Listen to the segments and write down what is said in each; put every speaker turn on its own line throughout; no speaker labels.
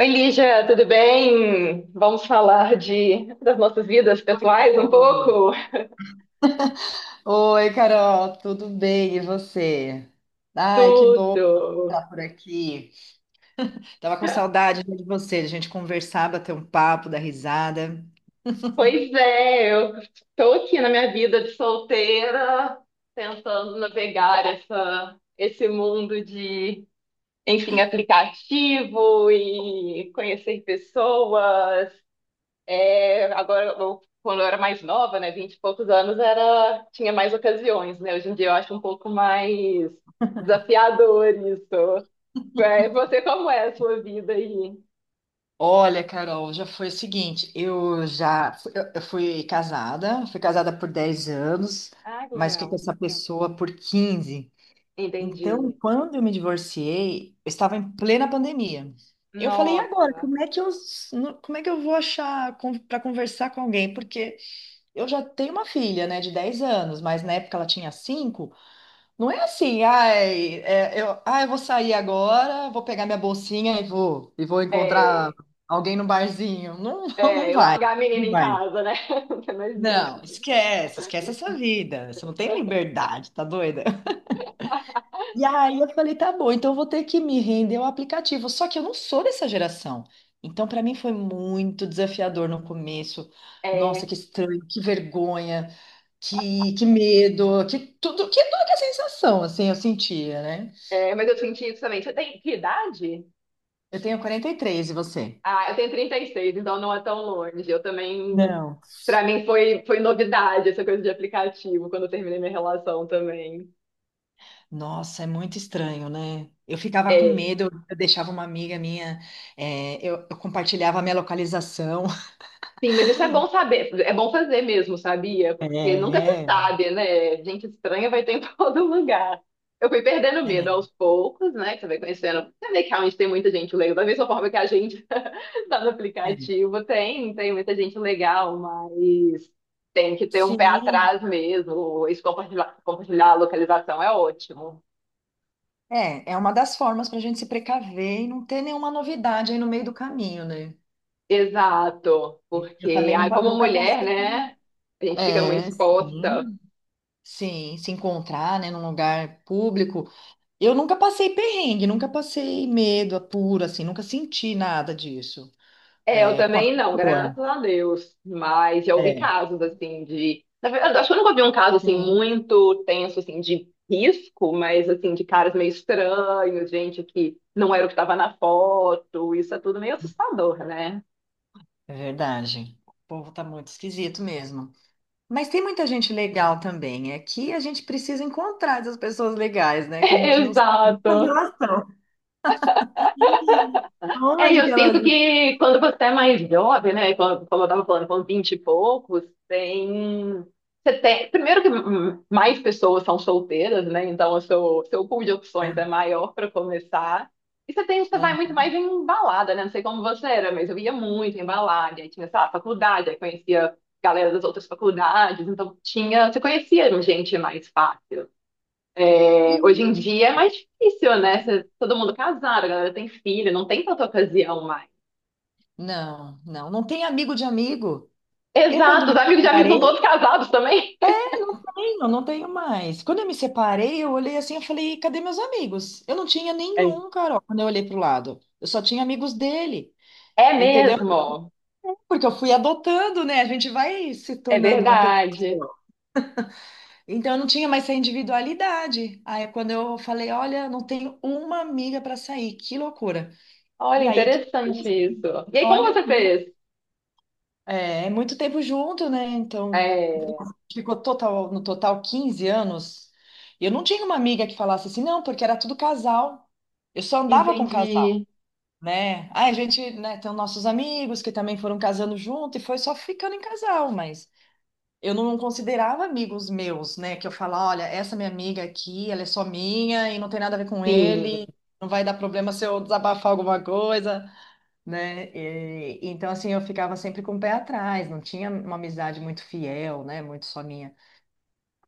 Oi, Lígia, tudo bem? Vamos falar de das nossas vidas
Oi,
pessoais um
Carol.
pouco?
Oi, Carol, tudo bem? E você? Ai, que bom
Tudo.
estar por aqui. Tava com saudade de você, de a gente conversar, bater um papo, dar risada.
Pois é, eu estou aqui na minha vida de solteira, tentando navegar esse mundo de, enfim, aplicativo e conhecer pessoas. É, agora, quando eu era mais nova, né, 20 e poucos anos, era, tinha mais ocasiões, né? Hoje em dia eu acho um pouco mais desafiador isso. É, você, como é a sua vida aí?
Olha, Carol, já foi o seguinte, eu fui casada por 10 anos,
Ah, que
mas fiquei com
legal.
essa pessoa por 15. Então,
Entendi.
quando eu me divorciei, eu estava em plena pandemia. Eu falei, e agora,
Nossa.
como é que eu vou achar para conversar com alguém? Porque eu já tenho uma filha, né, de 10 anos, mas na época ela tinha 5. Não é assim, ai, eu vou sair agora, vou pegar minha bolsinha e e vou encontrar
É,
alguém no barzinho. Não, não
é,
vai.
largar a menina
Não
em
vai.
casa, né? Você não
Não,
existe.
esquece, esquece essa vida. Você não tem liberdade, tá doida? E aí eu falei, tá bom, então eu vou ter que me render ao aplicativo. Só que eu não sou dessa geração. Então, para mim foi muito desafiador no começo. Nossa,
É,
que estranho, que vergonha. Que medo, que tudo, que tudo que é sensação, assim, eu sentia, né?
é, mas eu senti isso também. Você tem que idade?
Eu tenho 43 e você?
Ah, eu tenho 36, então não é tão longe. Eu também,
Não.
pra mim foi novidade essa coisa de aplicativo quando eu terminei minha relação também.
Nossa, é muito estranho, né? Eu ficava com
É,
medo, eu deixava uma amiga minha, eu compartilhava a minha localização.
sim, mas isso é bom saber, é bom fazer mesmo, sabia?
É,
Porque nunca se
é.
sabe, né? Gente estranha vai ter em todo lugar. Eu fui perdendo medo aos poucos, né? Que você vai conhecendo. Você vê que realmente tem muita gente legal, da mesma forma que a gente tá no
É, é.
aplicativo, tem muita gente legal, mas tem que ter um pé
Sim,
atrás mesmo. Isso compartilhar a localização é ótimo.
é uma das formas para a gente se precaver e não ter nenhuma novidade aí no meio do caminho, né?
Exato,
Eu
porque
também não,
ai, como
nunca
mulher,
passei por um-
né? A gente fica muito
É,
exposta.
sim, sim, se encontrar, né, num lugar público. Eu nunca passei perrengue, nunca passei medo puro, assim, nunca senti nada disso.
É, eu
É, com a
também não,
pessoa.
graças a Deus. Mas já ouvi
É.
casos assim de. Na verdade, acho que eu nunca vi um caso assim
Sim,
muito tenso assim de risco, mas assim de caras meio estranhos, gente que não era o que estava na foto. Isso é tudo meio assustador, né?
é verdade. O povo tá muito esquisito mesmo. Mas tem muita gente legal também. É que a gente precisa encontrar essas pessoas legais, né? Que a gente não sabe
Exato.
A estão.
É, e
onde
eu
que elas
sinto que quando você é mais jovem, né, quando- como eu estava falando, com 20 e poucos, tem... Você tem... Primeiro que mais pessoas são solteiras, né, então o seu pool de opções é
estão.
maior para começar. E você tem, você
É,
vai muito
é.
mais em balada, né, não sei como você era, mas eu ia muito em balada, aí tinha, sei lá, faculdade, aí conhecia galera das outras faculdades, então tinha... Você conhecia gente mais fácil. É,
E,
hoje em dia é mais difícil,
né?
né? Cê- todo mundo casado, a galera tem filho, não tem tanta ocasião mais.
Não, não, não tem amigo de amigo. Eu, quando
Exato, os
me
amigos de amigos
separei,
são todos casados também.
Não tenho mais. Quando eu me separei, eu olhei assim, eu falei, cadê meus amigos? Eu não tinha
É,
nenhum, Carol, quando eu olhei pro lado. Eu só tinha amigos dele,
é
entendeu?
mesmo,
Porque eu fui adotando, né? A gente vai se
é
tornando uma pessoa
verdade.
só. Então eu não tinha mais essa individualidade. Aí quando eu falei, olha, não tenho uma amiga para sair, que loucura.
Olha,
E aí que eu,
interessante isso. E aí, como
olha,
você fez?
é, é muito tempo junto, né? Então,
É,
no total 15 anos. Eu não tinha uma amiga que falasse assim, não, porque era tudo casal. Eu só andava com casal,
entendi,
né? Aí a gente, né, tem os nossos amigos que também foram casando junto e foi só ficando em casal, mas eu não considerava amigos meus, né? Que eu falava, olha, essa minha amiga aqui, ela é só minha e não tem nada a ver com
sim,
ele, não vai dar problema se eu desabafar alguma coisa, né? Então, assim, eu ficava sempre com o pé atrás, não tinha uma amizade muito fiel, né? Muito só minha.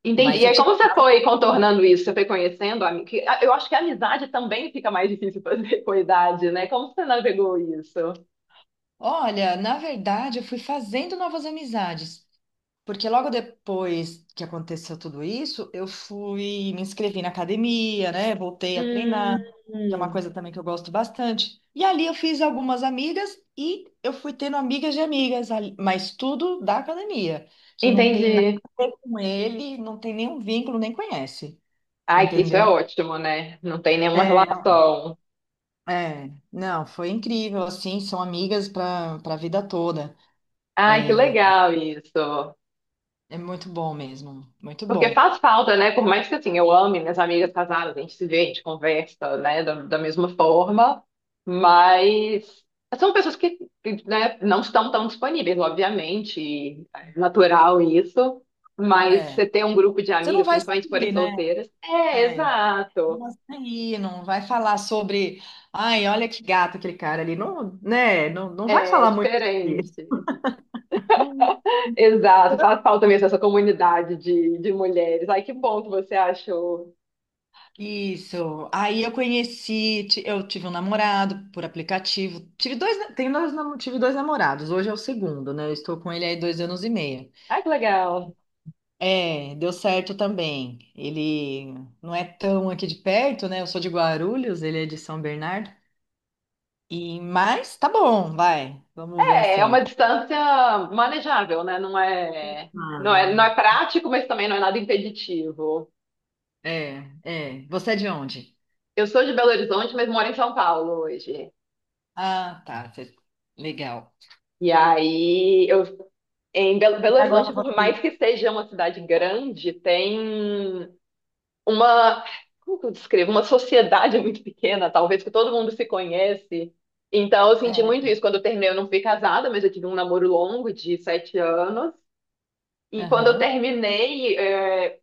entendi.
Mas
E
eu
aí,
tive.
como você foi contornando isso? Você foi conhecendo? Eu acho que a amizade também fica mais difícil fazer com a idade, né? Como você navegou isso?
Olha, na verdade, eu fui fazendo novas amizades. Porque logo depois que aconteceu tudo isso, me inscrevi na academia, né? Voltei a
Hum,
treinar, que é uma coisa também que eu gosto bastante. E ali eu fiz algumas amigas e eu fui tendo amigas de amigas, mas tudo da academia, que não tem nada
entendi.
a ver com ele, não tem nenhum vínculo, nem conhece,
Ai, que isso é
entendeu?
ótimo, né? Não tem nenhuma
É,
relação.
é, não, foi incrível, assim, são amigas para a vida toda.
Ai, que
É,
legal isso.
é muito bom mesmo, muito
Porque
bom.
faz falta, né? Por mais que assim, eu ame minhas amigas casadas, a gente se vê, a gente conversa, né? Da mesma forma, mas são pessoas que, né, não estão tão disponíveis, obviamente, e é natural isso. Mas
É,
você ter um grupo de
você não
amigas,
vai
principalmente se forem
saber, né?
solteiras, é
É,
exato,
mas aí não vai falar sobre, ai, olha que gato aquele cara ali, não, né? Não, não vai
é
falar muito
diferente.
disso.
Exato, faz falta mesmo essa comunidade de mulheres. Ai, que bom que você achou.
Isso. Aí eu tive um namorado por aplicativo. Tive dois namorados. Hoje é o segundo, né? Eu estou com ele aí 2 anos e meio.
Ai, que legal.
É, deu certo também. Ele não é tão aqui de perto, né? Eu sou de Guarulhos, ele é de São Bernardo. E mas tá bom, vai. Vamos ver
É, é
assim.
uma distância manejável, né? Não é prático, mas também não é nada impeditivo.
É, é. Você é de onde?
Eu sou de Belo Horizonte, mas moro em São Paulo hoje.
Ah, tá. Legal.
E aí, eu, em
E
Belo
agora
Horizonte, por
você.
mais que seja uma cidade grande, tem uma, como que eu descrevo? Uma sociedade muito pequena, talvez, que todo mundo se conhece. Então, eu senti
É,
muito isso. Quando eu terminei, eu não fui casada, mas eu tive um namoro longo de sete anos. E quando eu
aham,
terminei, é,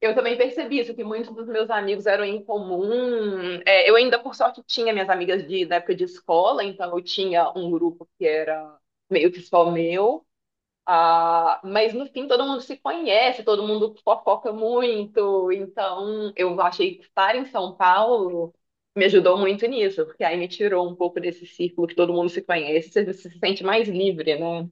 eu também percebi isso, que muitos dos meus amigos eram em comum. É, eu ainda, por sorte, tinha minhas amigas de, da época de escola, então eu tinha um grupo que era meio que só meu. Ah, mas no fim todo mundo se conhece, todo mundo fofoca muito, então eu achei que estar em São Paulo me ajudou muito nisso, porque aí me tirou um pouco desse círculo que todo mundo se conhece, você se sente mais livre, né?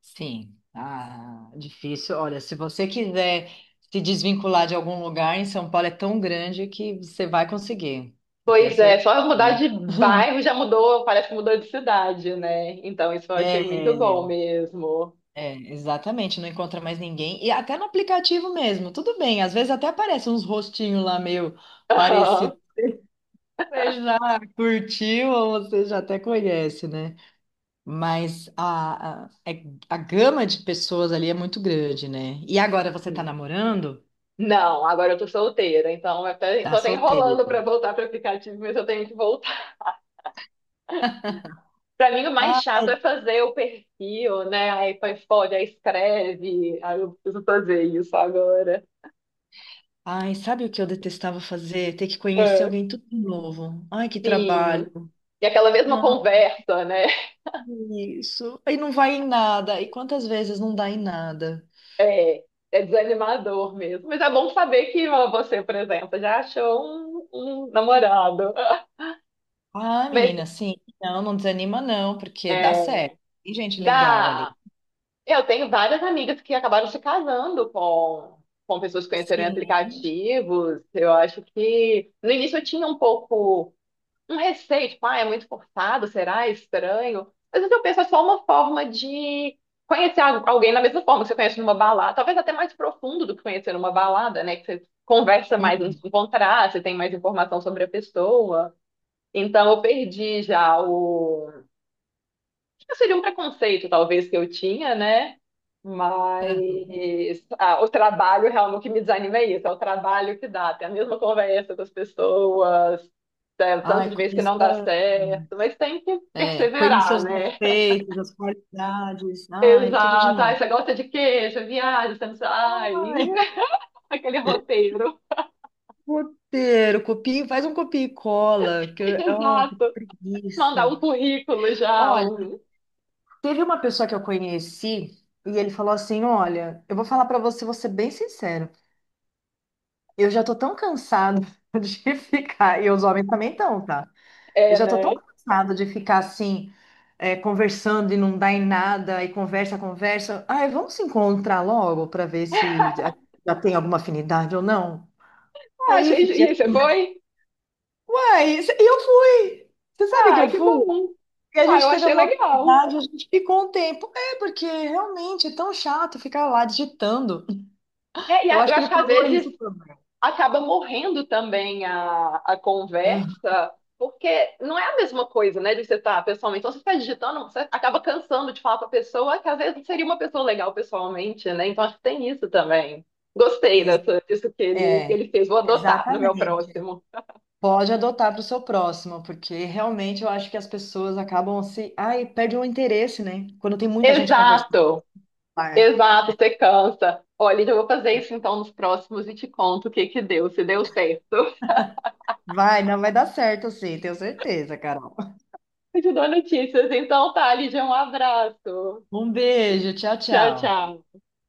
sim. Ah, difícil. Olha, se você quiser se desvincular de algum lugar em São Paulo, é tão grande que você vai conseguir. Eu tenho
Pois é,
certeza.
só eu mudar de bairro já mudou, parece que mudou de cidade, né? Então isso eu achei muito bom
É,
mesmo.
é, exatamente. Não encontra mais ninguém. E até no aplicativo mesmo. Tudo bem. Às vezes até aparecem uns rostinhos lá meio
Aham.
parecidos. Você já curtiu ou você já até conhece, né? Mas a gama de pessoas ali é muito grande, né? E agora você tá namorando?
Não, agora eu tô solteira, então eu tô
Tá
até enrolando
solteira.
pra voltar para aplicativo, mas eu tenho que voltar. Pra mim, o mais chato é
Ai,
fazer o perfil, né? Aí põe foto, aí escreve. Aí eu preciso fazer isso agora.
ai, sabe o que eu detestava fazer? Ter que conhecer
É.
alguém tudo de novo. Ai, que
Sim.
trabalho.
E aquela mesma
Não,
conversa, né?
isso. Aí não vai em nada. E quantas vezes não dá em nada?
É, é desanimador mesmo. Mas é bom saber que ó, você, por exemplo, já achou um namorado.
Ah,
Mas
menina, sim. Não, não desanima não, porque dá
é,
certo. Tem gente legal ali.
dá. Eu tenho várias amigas que acabaram se casando com pessoas que conheceram em
Sim.
aplicativos. Eu acho que no início eu tinha um pouco um receio, tipo, ah, é muito forçado, será É estranho? Às vezes eu penso, é só uma forma de conhecer alguém da mesma forma que você conhece numa balada, talvez até mais profundo do que conhecer numa balada, né? Que você conversa mais
Hum.
antes de encontrar, você tem mais informação sobre a pessoa. Então eu perdi já o Seria um preconceito, talvez, que eu tinha, né? Mas ah, o trabalho realmente o que me desanima é isso, é o trabalho que dá, tem a mesma conversa das pessoas, é, o tanto
Ai,
de vezes que
conheço.
não dá certo, mas tem que
É, conhecer
perseverar,
os
né?
defeitos, as qualidades. Ai, tudo de
Exato, ai,
novo.
você gosta de queijo, viagem, você não sabe, ai,
Ai,
aquele roteiro,
roteiro, copia, faz um copia e cola. Nossa, que
exato, mandar
preguiça.
um currículo já,
Olha,
um...
teve uma pessoa que eu conheci e ele falou assim: olha, eu vou falar pra você, vou ser bem sincero. Eu já tô tão cansado de ficar, e os homens também estão, tá? Eu
é,
já tô tão
né?
cansada de ficar assim, conversando e não dá em nada, e conversa, conversa. Ai, vamos se encontrar logo para ver se já já tem alguma afinidade ou não.
Ah,
Aí eu
achei,
fiquei
e aí, você
assim,
foi?
uai, e eu fui. Você sabe que
Ah,
eu
que
fui?
bom,
E a
ah, eu
gente teve
achei
uma
legal.
afinidade, a gente ficou um tempo. É, porque realmente é tão chato ficar lá digitando.
É,
Eu
eu
acho que
acho
ele
que às
falou
vezes
isso também.
acaba morrendo também a
Aham.
conversa, porque não é a mesma coisa, né, de você estar pessoalmente. Então, você está digitando, você acaba cansando de falar para a pessoa que às vezes seria uma pessoa legal pessoalmente, né? Então, acho que tem isso também. Gostei
Ex-
disso que que
É,
ele fez. Vou adotar no meu
exatamente.
próximo.
Pode adotar para o seu próximo, porque realmente eu acho que as pessoas acabam se. Ai, perdem o interesse, né? Quando tem muita gente conversando no
Exato,
bar.
exato, você cansa. Olha, eu vou fazer isso então nos próximos e te conto o que que deu, se deu certo.
Vai, não vai dar certo, sim, tenho certeza, Carol.
Eu te dou notícias. Então tá, Lídia, um abraço.
Um beijo, tchau,
Tchau,
tchau.
tchau.